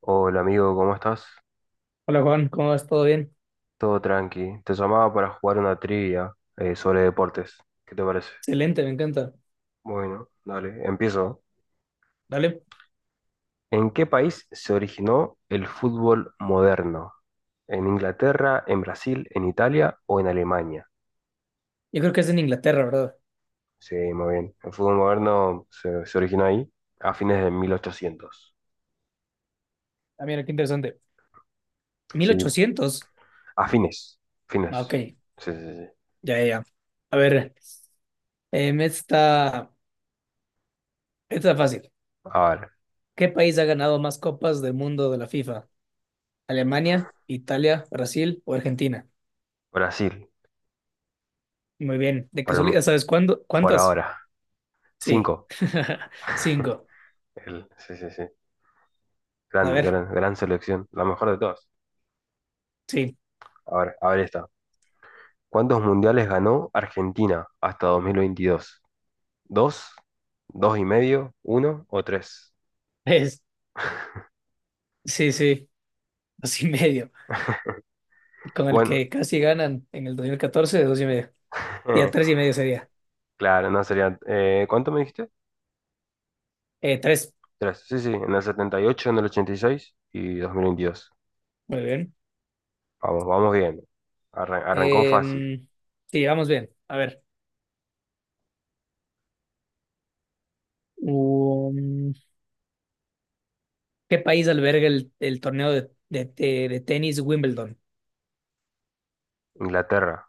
Hola amigo, ¿cómo estás? Hola Juan, ¿cómo vas? ¿Todo bien? Todo tranqui. Te llamaba para jugar una trivia sobre deportes. ¿Qué te parece? Excelente, me encanta. Bueno, dale, empiezo. Dale. ¿En qué país se originó el fútbol moderno? ¿En Inglaterra, en Brasil, en Italia o en Alemania? Yo creo que es en Inglaterra, ¿verdad? Sí, muy bien. El fútbol moderno se originó ahí a fines de 1800. Ah, mira, qué interesante. Mil Sí, ochocientos. a fines. Ah, Fines. Ok, Sí, sí, sí. ya, ya, ya. A ver, em, esta, esta fácil. A ver, ¿Qué país ha ganado más copas del mundo de la FIFA? ¿Alemania, Italia, Brasil o Argentina? Brasil, Muy bien. ¿De casualidad por, sabes cuándo? por ¿Cuántas? ahora. Sí. Cinco. Cinco. El, sí, sí, sí. A Gran, ver, gran, gran selección, la mejor de todas. sí. A ver esta. ¿Cuántos mundiales ganó Argentina hasta 2022? ¿Dos? ¿Dos y medio? ¿Uno o tres? Es, sí, sí. Dos y medio. Con el Bueno, que casi ganan en el 2014, dos y medio. Ya tres y medio sería. claro, no sería, ¿cuánto me dijiste? Tres. Tres. Sí, sí, en el 78, en el 86 y 2022. Muy bien. Vamos, vamos bien. Arrancó fácil. Eh, sí, vamos bien. A ver. Um, ¿Qué país alberga el torneo de tenis Wimbledon? Inglaterra,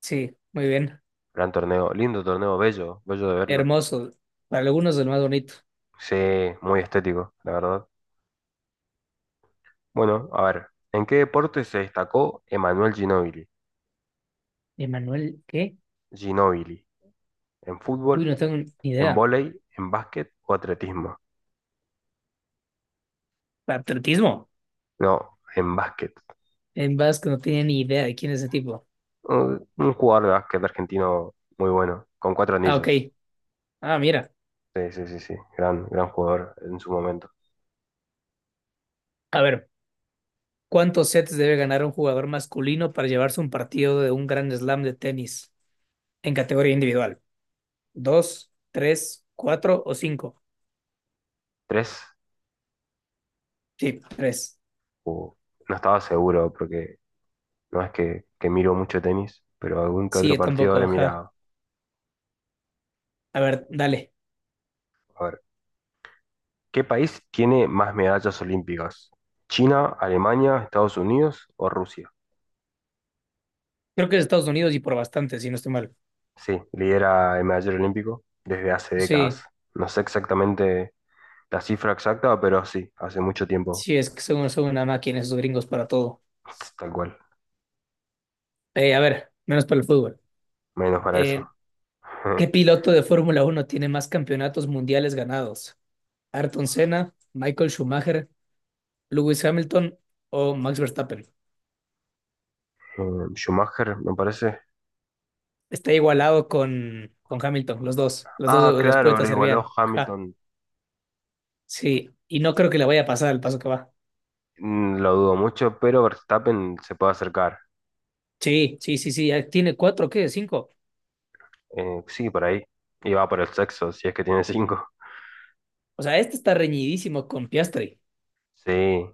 Sí, muy bien. gran torneo, lindo torneo, bello, bello de verlo. Hermoso. Para algunos el más bonito. Sí, muy estético, la verdad. Bueno, a ver, ¿en qué deporte se destacó Emanuel Ginóbili? ¿Emanuel qué? ¿Ginóbili? ¿En fútbol, Uy, no tengo ni en idea. vóley, en básquet o atletismo? ¿Atletismo? No, en básquet. En vasco no tenía ni idea de quién es ese tipo. Un jugador de básquet argentino muy bueno, con cuatro Ah, ok. anillos. Ah, mira. Sí, sí, sí, sí. Gran jugador en su momento. A ver. ¿Cuántos sets debe ganar un jugador masculino para llevarse un partido de un gran slam de tenis en categoría individual? ¿Dos, tres, cuatro o cinco? ¿Tres? Sí, tres. Uh, no estaba seguro porque no es que miro mucho tenis, pero algún que otro Sí, partido tampoco, habré ajá. mirado. A ver, dale. A ver, ¿qué país tiene más medallas olímpicas? ¿China, Alemania, Estados Unidos o Rusia? Creo que es Estados Unidos y por bastante, si no estoy mal. Sí, lidera el medallero olímpico desde hace décadas. Sí, No sé exactamente la cifra exacta, pero sí, hace mucho tiempo. sí, es que son una máquina esos gringos para todo. Tal cual, A ver, menos para el fútbol. menos para eso. Eh, ¿Qué piloto de Fórmula Uno tiene más campeonatos mundiales ganados? ¿Ayrton Senna, Michael Schumacher, Lewis Hamilton o Max Verstappen? Eh, Schumacher, me parece. Está igualado con Hamilton, los dos. Las Ah, dos claro, lo respuestas igualó servían. Ajá. Hamilton. Sí, y no creo que le vaya a pasar el paso que va. Mm, lo dudo mucho, pero Verstappen se puede acercar. Sí, sí, sí, sí. Ya tiene cuatro, ¿qué? Cinco. Sí, por ahí. Y va por el sexo, si es que tiene cinco. O sea, este está reñidísimo con Piastri. Sí,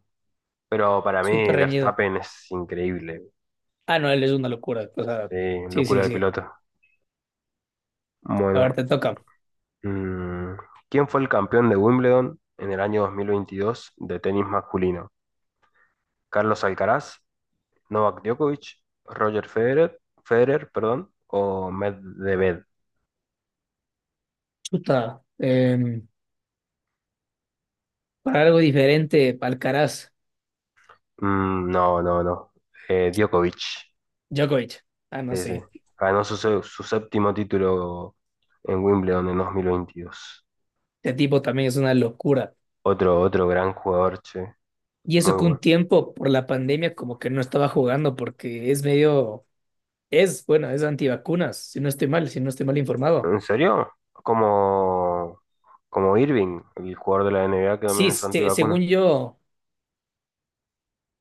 pero para mí Súper reñido. Verstappen es increíble. Ah, no, él es una locura. O sea, Sí, sí, locura sí, de sí. piloto. A ver, Bueno. te toca. Mm, ¿Quién fue el campeón de Wimbledon en el año 2022 de tenis masculino? ¿Carlos Alcaraz, Novak Djokovic, Roger Federer, Federer, perdón, o Medvedev? Chuta. Para algo diferente, Alcaraz. Mm, no, no, no. Djokovic. Djokovic. Ah, no Sí, sí. sé. Ganó su, su séptimo título en Wimbledon en 2022. Este tipo también es una locura. Otro, otro gran jugador, che. Y eso Muy que un bueno. tiempo por la pandemia como que no estaba jugando porque es medio, es, bueno, es antivacunas, si no estoy mal, si no estoy mal informado. ¿En serio? Como, como Irving, el jugador de la NBA que también Sí, es antivacuna, según yo,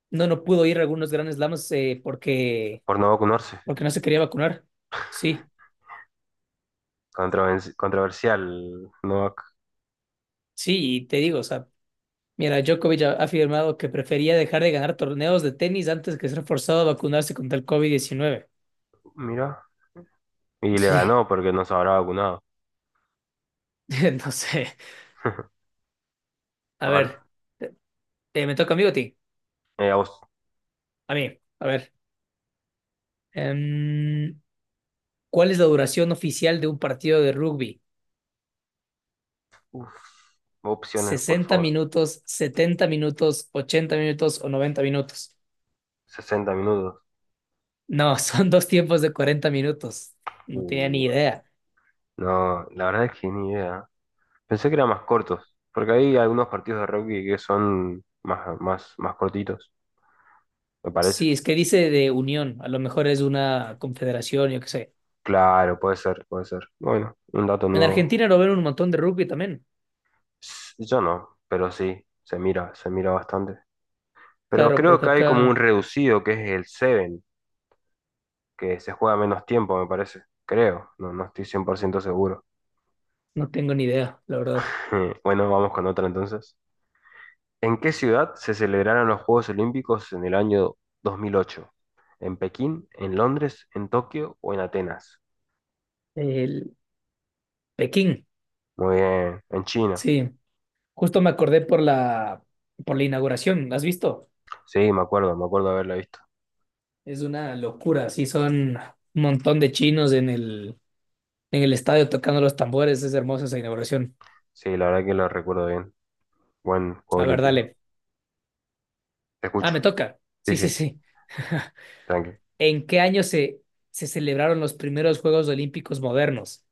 no, no pudo ir a algunos grandes lamas porque por no vacunarse. porque no se quería vacunar. Sí, Controversial, Novak, sí, y te digo, o sea, mira, Djokovic ha afirmado que prefería dejar de ganar torneos de tenis antes que ser forzado a vacunarse contra el COVID-19. mira. Y le Sí, ganó porque no se habrá vacunado. no sé. A A ver, ver, te- me toca a mí o a ti? eh, aus- A mí, a ver. em, ¿Cuál es la duración oficial de un partido de rugby? uf, opciones, por sesenta favor. minutos, 70 minutos, 80 minutos o 90 minutos? 60 minutos. No, son dos tiempos de 40 minutos. No tenía Uh, ni idea. no, la verdad es que ni idea. Pensé que eran más cortos, porque hay algunos partidos de rugby que son más, más, más cortitos, me parece. Sí, es que dice de unión, a lo mejor es una confederación, yo qué sé. Claro, puede ser, puede ser. Bueno, un dato En nuevo. Argentina lo ven un montón de rugby también. Yo no, pero sí, se mira bastante. Pero Claro, creo porque que hay como un acá reducido que es el 7, que se juega menos tiempo, me parece. Creo, no, no estoy 100% seguro. no tengo ni idea, la verdad. Bueno, vamos con otra entonces. ¿En qué ciudad se celebraron los Juegos Olímpicos en el año 2008? ¿En Pekín, en Londres, en Tokio o en Atenas? El Pekín, Muy bien, en China. sí. Justo me acordé por la, inauguración, ¿has visto? Sí, me acuerdo haberla visto. Es una locura, sí, son un montón de chinos en el estadio tocando los tambores, es hermosa esa inauguración. Sí, la verdad que lo recuerdo bien. Buen Juego A ver, Olímpico. dale. Te Ah, escucho. me toca. Sí, Sí, sí, sí, sí. tranqui. ¿En qué año se celebraron los primeros Juegos Olímpicos modernos?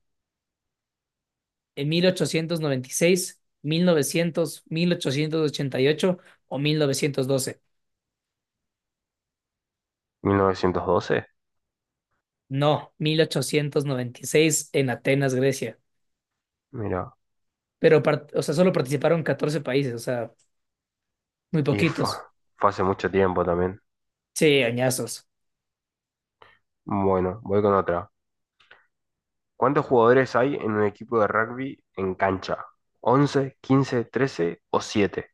¿En mil ochocientos noventa y seis, mil novecientos, 1888 o 1912? ¿1912? No, 1896 en Atenas, Grecia. Mira, Pero, o sea, solo participaron 14 países, o sea, muy y fue, poquitos. fue hace mucho tiempo también. Sí, añazos. Bueno, voy con otra. ¿Cuántos jugadores hay en un equipo de rugby en cancha? ¿11, 15, 13 o 7?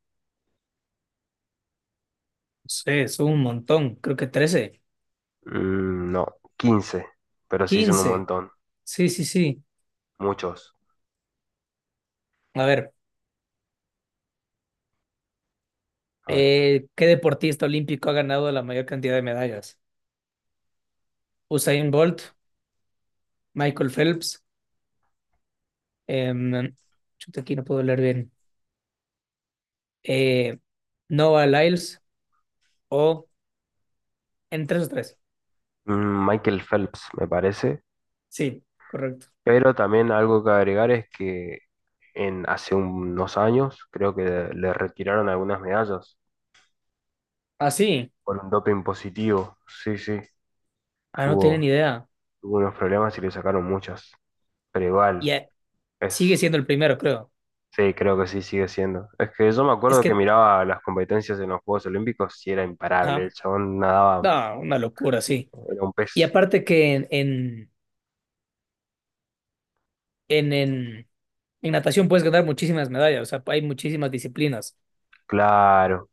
Sí, son un montón, creo que 13. Mm, no, 15, pero sí son un 15. montón, Sí, sí, sí. muchos. A ver, A ver, ¿qué deportista olímpico ha ganado la mayor cantidad de medallas? Usain Bolt, Michael Phelps, em, chuta, aquí no puedo leer bien. Eh, Noah Lyles, o en 3 o tres. Michael Phelps me parece, Sí, correcto. pero también algo que agregar es que en hace unos años creo que le retiraron algunas medallas Ah, sí. por un doping positivo. Sí, sí, Ah, no tienen tuvo, idea. tuvo unos problemas y le sacaron muchas, pero Y igual es. sigue siendo el primero, creo. Sí, creo que sí sigue siendo. Es que yo me Es acuerdo que que, miraba las competencias en los Juegos Olímpicos y era imparable. El ajá. chabón nadaba, No, una locura, sí. era un Y pez aparte que en, en, en natación puedes ganar muchísimas medallas, o sea, hay muchísimas disciplinas. claro.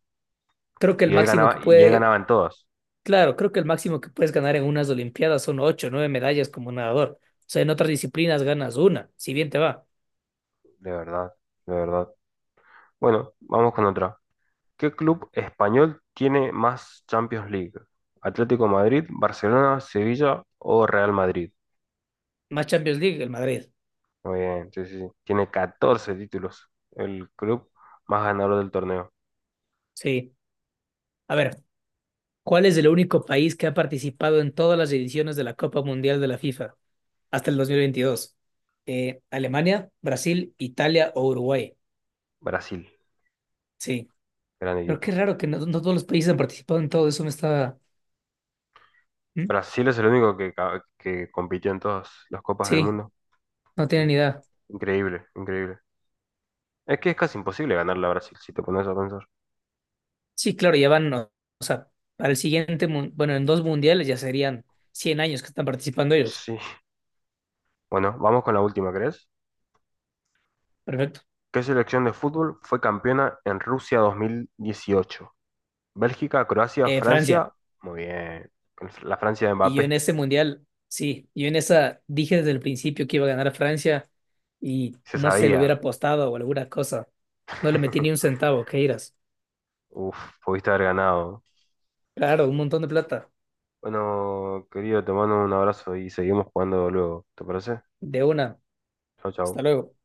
Creo que el máximo que Y él puede, ganaba en todas. claro, creo que el máximo que puedes ganar en unas Olimpiadas son 8 o 9 medallas como nadador. O sea, en otras disciplinas ganas una, si bien te va. De verdad, de verdad. Bueno, vamos con otra. ¿Qué club español tiene más Champions League? ¿Atlético Madrid, Barcelona, Sevilla o Real Madrid? Más Champions League, el Madrid. Muy bien, sí, sí, sí. Tiene 14 títulos. El club más ganador del torneo. Sí. A ver. ¿Cuál es el único país que ha participado en todas las ediciones de la Copa Mundial de la FIFA hasta el 2022? Alemania, Brasil, Italia o Uruguay. Brasil, Sí, gran pero qué equipo. raro que no, no todos los países han participado en todo eso. Me estaba. ¿Mm? Brasil es el único que, que compitió en todas las copas del Sí, mundo. no Mm, tienen ni idea. increíble, increíble. Es que es casi imposible ganarle a Brasil, si te pones a pensar. Sí, claro, ya van, o sea, para el siguiente, bueno, en dos mundiales ya serían 100 años que están participando ellos. Sí. Bueno, vamos con la última, ¿crees? Perfecto. ¿Qué selección de fútbol fue campeona en Rusia 2018? Bélgica, Croacia, Francia. Francia. Muy bien. La Francia de Y yo en Mbappé. ese mundial, sí, yo en esa dije desde el principio que iba a ganar Francia y Se no se lo hubiera sabía. apostado o alguna cosa. No le metí ni un centavo, ¿qué irás? Uf, pudiste haber ganado. Claro, un montón de plata. Bueno, querido, te mando un abrazo y seguimos jugando luego. ¿Te parece? De una. Chao, Hasta chao. luego.